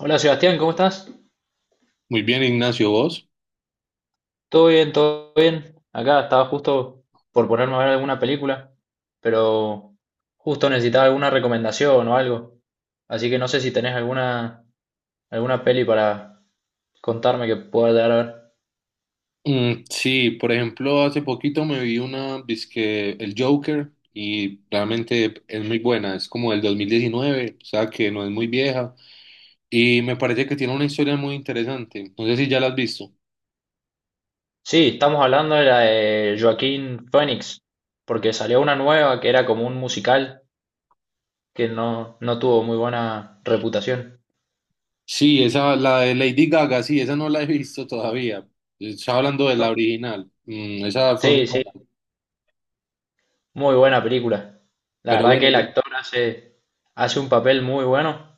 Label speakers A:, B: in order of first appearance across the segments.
A: Hola Sebastián, ¿cómo estás?
B: Muy bien, Ignacio, ¿vos?
A: ¿Todo bien? ¿Todo bien? Acá estaba justo por ponerme a ver alguna película, pero justo necesitaba alguna recomendación o algo. Así que no sé si tenés alguna peli para contarme que pueda llegar a ver.
B: Mm, sí, por ejemplo, hace poquito me vi una, dizque el Joker, y realmente es muy buena, es como del 2019, o sea que no es muy vieja, y me parece que tiene una historia muy interesante. No sé si ya la has visto.
A: Sí, estamos hablando de la de Joaquín Phoenix, porque salió una nueva que era como un musical que no tuvo muy buena reputación.
B: Sí, esa, la de Lady Gaga, sí, esa no la he visto todavía, estaba hablando de la
A: No,
B: original. Mm, esa fue muy
A: sí, sí,
B: buena,
A: muy buena película. La
B: pero
A: verdad
B: bueno.
A: que el actor hace un papel muy bueno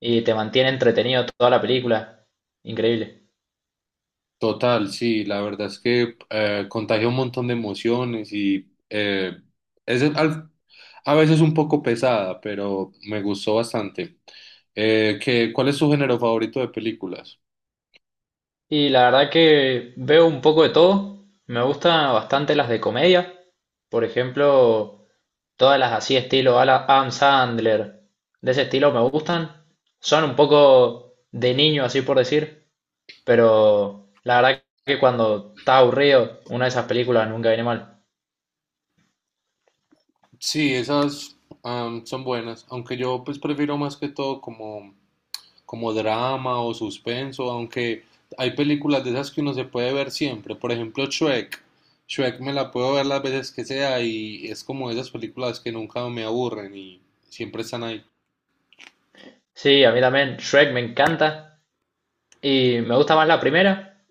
A: y te mantiene entretenido toda la película. Increíble.
B: Total, sí, la verdad es que contagia un montón de emociones y es al- a veces un poco pesada, pero me gustó bastante. ¿Cuál es tu género favorito de películas?
A: Y la verdad que veo un poco de todo. Me gustan bastante las de comedia. Por ejemplo, todas las así estilo Adam Sandler. De ese estilo me gustan. Son un poco de niño, así por decir. Pero la verdad que cuando está aburrido, una de esas películas nunca viene mal.
B: Sí, esas son buenas, aunque yo pues prefiero más que todo como, como drama o suspenso, aunque hay películas de esas que uno se puede ver siempre, por ejemplo Shrek. Shrek me la puedo ver las veces que sea y es como esas películas que nunca me aburren y siempre están ahí.
A: Sí, a mí también Shrek me encanta. Y me gusta más la primera.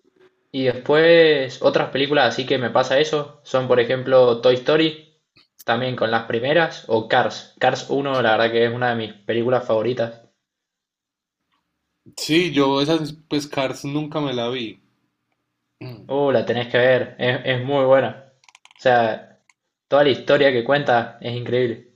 A: Y después otras películas así que me pasa eso, son por ejemplo Toy Story, también con las primeras, o Cars. Cars uno la verdad que es una de mis películas favoritas.
B: Sí, yo esas pues Cars nunca me la vi. Mm.
A: La tenés que ver, es muy buena. O sea, toda la historia que cuenta es increíble.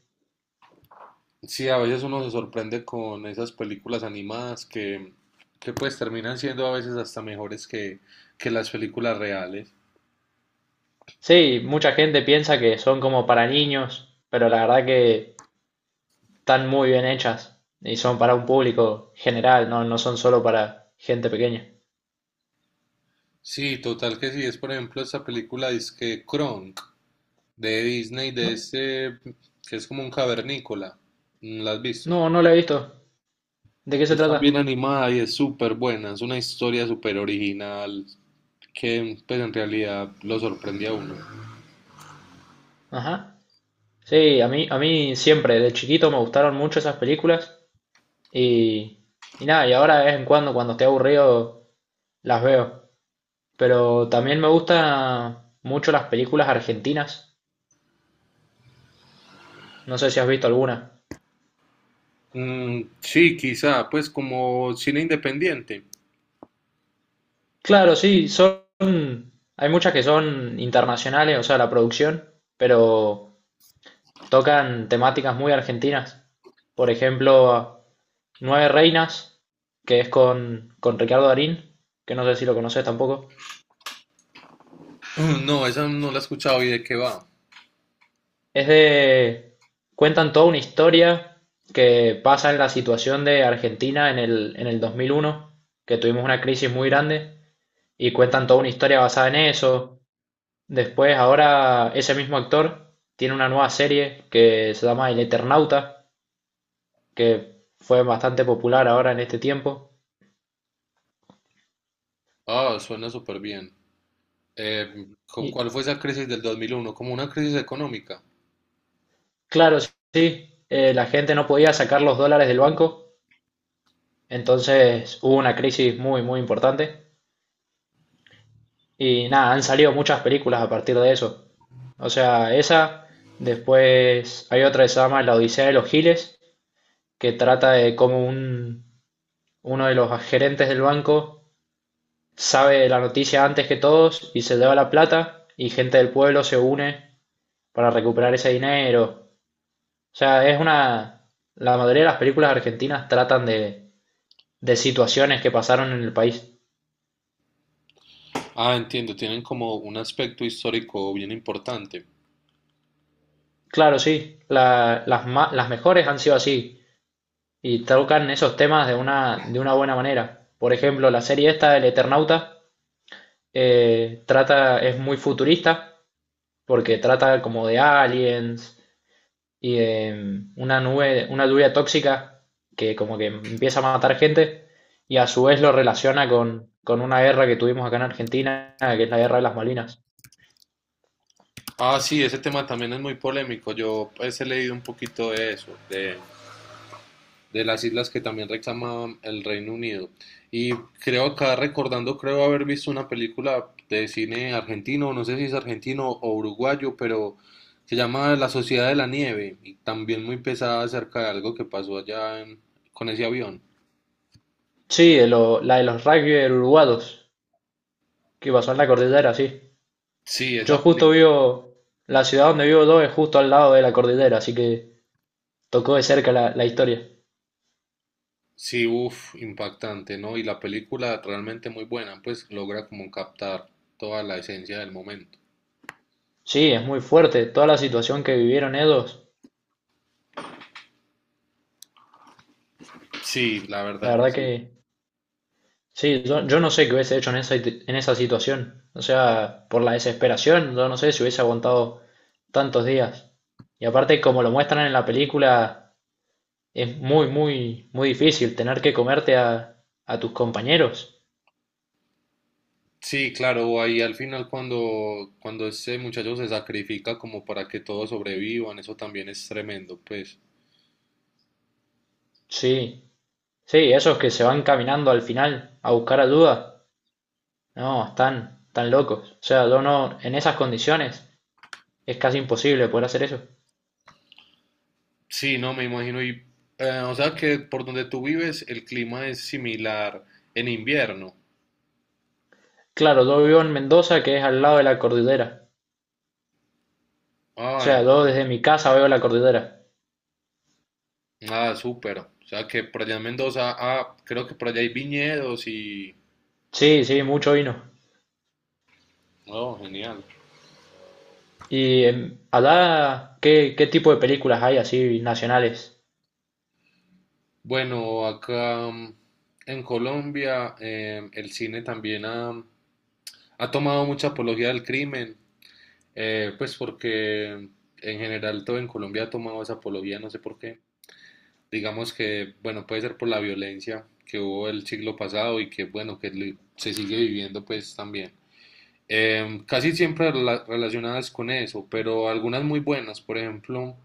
B: Sí, a veces uno se sorprende con esas películas animadas que pues terminan siendo a veces hasta mejores que las películas reales.
A: Sí, mucha gente piensa que son como para niños, pero la verdad que están muy bien hechas y son para un público general, no son solo para gente pequeña.
B: Sí, total que sí, es por ejemplo esta película que Kronk de Disney, de
A: No,
B: este que es como un cavernícola. Mm, ¿la has visto?
A: no, no la he visto. ¿De qué se
B: Es
A: trata?
B: también animada y es súper buena, es una historia súper original que pues en realidad lo sorprende a uno.
A: Ajá. Sí, a mí siempre, de chiquito me gustaron mucho esas películas y, y nada, y ahora de vez en cuando estoy aburrido, las veo. Pero también me gustan mucho las películas argentinas, no sé si has visto alguna.
B: Mm, sí, quizá, pues como cine independiente.
A: Claro, sí, hay muchas que son internacionales, o sea, la producción, pero tocan temáticas muy argentinas. Por ejemplo, Nueve Reinas, que es con Ricardo Darín, que no sé si lo conoces tampoco.
B: Mm, no, esa no la he escuchado y de qué va.
A: Es de... cuentan toda una historia que pasa en la situación de Argentina en el 2001 que tuvimos una crisis muy grande, y cuentan toda una historia basada en eso. Después, ahora ese mismo actor tiene una nueva serie que se llama El Eternauta, que fue bastante popular ahora en este tiempo.
B: Ah, suena súper bien.
A: Y
B: ¿Cuál fue esa crisis del 2001? Como una crisis económica.
A: claro, sí, la gente no podía sacar los dólares del banco, entonces hubo una crisis muy, muy importante. Y nada, han salido muchas películas a partir de eso. O sea, esa, después hay otra que se llama La Odisea de los Giles, que trata de cómo uno de los gerentes del banco sabe la noticia antes que todos y se lleva la plata y gente del pueblo se une para recuperar ese dinero. O sea, es una... La mayoría de las películas argentinas tratan de situaciones que pasaron en el país.
B: Ah, entiendo, tienen como un aspecto histórico bien importante.
A: Claro, sí, las mejores han sido así. Y tocan esos temas de una buena manera. Por ejemplo, la serie esta, El Eternauta, es muy futurista, porque trata como de aliens y de una lluvia tóxica que como que empieza a matar gente y a su vez lo relaciona con una guerra que tuvimos acá en Argentina, que es la guerra de las Malinas.
B: Ah, sí, ese tema también es muy polémico. Yo pues he leído un poquito de eso, de las islas que también reclama el Reino Unido. Y creo, acá recordando, creo haber visto una película de cine argentino, no sé si es argentino o uruguayo, pero se llama La Sociedad de la Nieve y también muy pesada acerca de algo que pasó allá en- con ese avión.
A: Sí, la de los rugby uruguayos que pasó en la cordillera, sí.
B: Sí,
A: Yo
B: esa
A: justo
B: película.
A: vivo, la ciudad donde vivo yo es justo al lado de la cordillera, así que tocó de cerca la historia.
B: Sí, uff, impactante, ¿no? Y la película realmente muy buena, pues logra como captar toda la esencia del momento.
A: Sí, es muy fuerte toda la situación que vivieron ellos.
B: Sí, la
A: La
B: verdad que
A: verdad
B: sí.
A: que sí, yo no sé qué hubiese hecho en esa situación. O sea, por la desesperación, yo no sé si hubiese aguantado tantos días. Y aparte, como lo muestran en la película, es muy, muy, muy difícil tener que comerte a tus compañeros.
B: Sí, claro, ahí al final cuando, cuando ese muchacho se sacrifica como para que todos sobrevivan, eso también es tremendo, pues.
A: Sí, sí, esos que se van caminando al final a buscar ayuda. No, están locos. O sea, yo no, en esas condiciones es casi imposible poder hacer eso.
B: Sí, no, me imagino. Y, o sea que por donde tú vives el clima es similar en invierno.
A: Claro, yo vivo en Mendoza, que es al lado de la cordillera. O
B: Ah,
A: sea,
B: en-
A: yo desde mi casa veo la cordillera.
B: ah, súper. O sea que por allá en Mendoza, ah, creo que por allá hay viñedos y...
A: Sí, sí, mucho vino.
B: Oh, genial.
A: Y allá, ¿qué tipo de películas hay así nacionales?
B: Bueno, acá mm, en Colombia el cine también ha, ha tomado mucha apología del crimen, pues porque mm, en general todo en Colombia ha tomado esa apología, no sé por qué. Digamos que, bueno, puede ser por la violencia que hubo el siglo pasado y que, bueno, se sigue viviendo pues también. Em, casi siempre relacionadas con eso, pero algunas muy buenas, por ejemplo,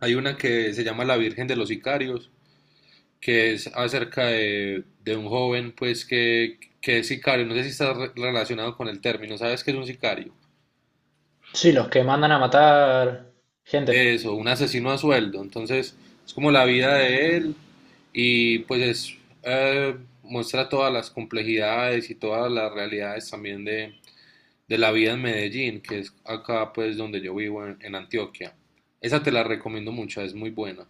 B: hay una que se llama La Virgen de los Sicarios que es acerca de un joven, pues, que es sicario. No sé si está relacionado con el término. ¿Sabes qué es un sicario?
A: Sí, los que mandan a matar gente.
B: Eso, un asesino a sueldo. Entonces, es como la vida de él y pues es, eh, muestra todas las complejidades y todas las realidades también de la vida en Medellín, que es acá pues donde yo vivo en Antioquia. Esa te la recomiendo mucho, es muy buena.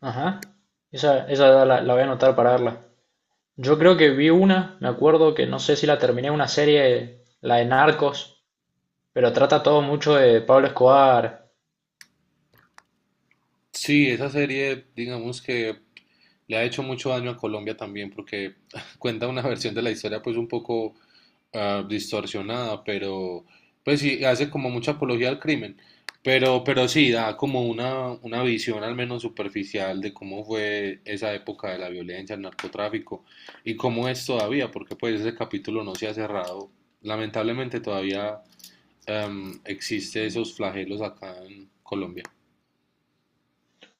A: Ajá. Esa la voy a anotar para verla. Yo creo que vi una, me acuerdo que no sé si la terminé, una serie, la de Narcos, pero trata todo mucho de Pablo Escobar.
B: Sí, esa serie digamos que le ha hecho mucho daño a Colombia también porque cuenta una versión de la historia pues un poco ah, distorsionada, pero pues sí, hace como mucha apología al crimen, pero sí, da como una visión al menos superficial de cómo fue esa época de la violencia, el narcotráfico y cómo es todavía, porque pues ese capítulo no se ha cerrado. Lamentablemente todavía existe esos flagelos acá en Colombia.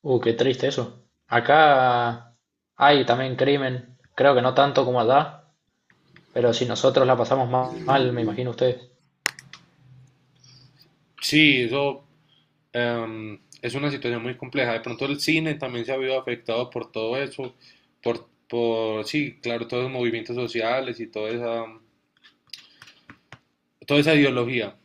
A: Qué triste eso. Acá hay también crimen. Creo que no tanto como allá, pero si nosotros la pasamos mal, me imagino ustedes.
B: Sí, eso. Em, es una situación muy compleja. De pronto el cine también se ha visto afectado por todo eso, por sí, claro, todos los movimientos sociales y toda esa ideología.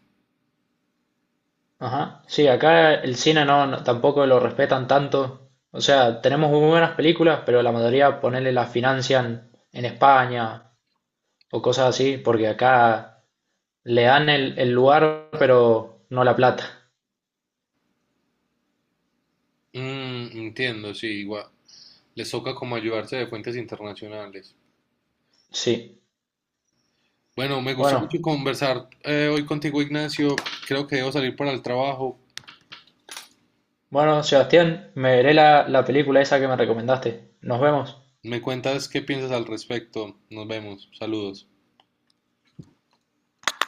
A: Ajá. Sí, acá el cine tampoco lo respetan tanto. O sea, tenemos muy buenas películas, pero la mayoría ponerle las financian en España o cosas así, porque acá le dan el lugar, pero no la plata.
B: Mm, entiendo, sí, igual. Les toca como ayudarse de fuentes internacionales.
A: Sí.
B: Bueno, me gustó mucho
A: Bueno,
B: conversar hoy contigo, Ignacio. Creo que debo salir para el trabajo.
A: bueno, Sebastián, me veré la película esa que me recomendaste. Nos vemos.
B: Me cuentas qué piensas al respecto. Nos vemos. Saludos.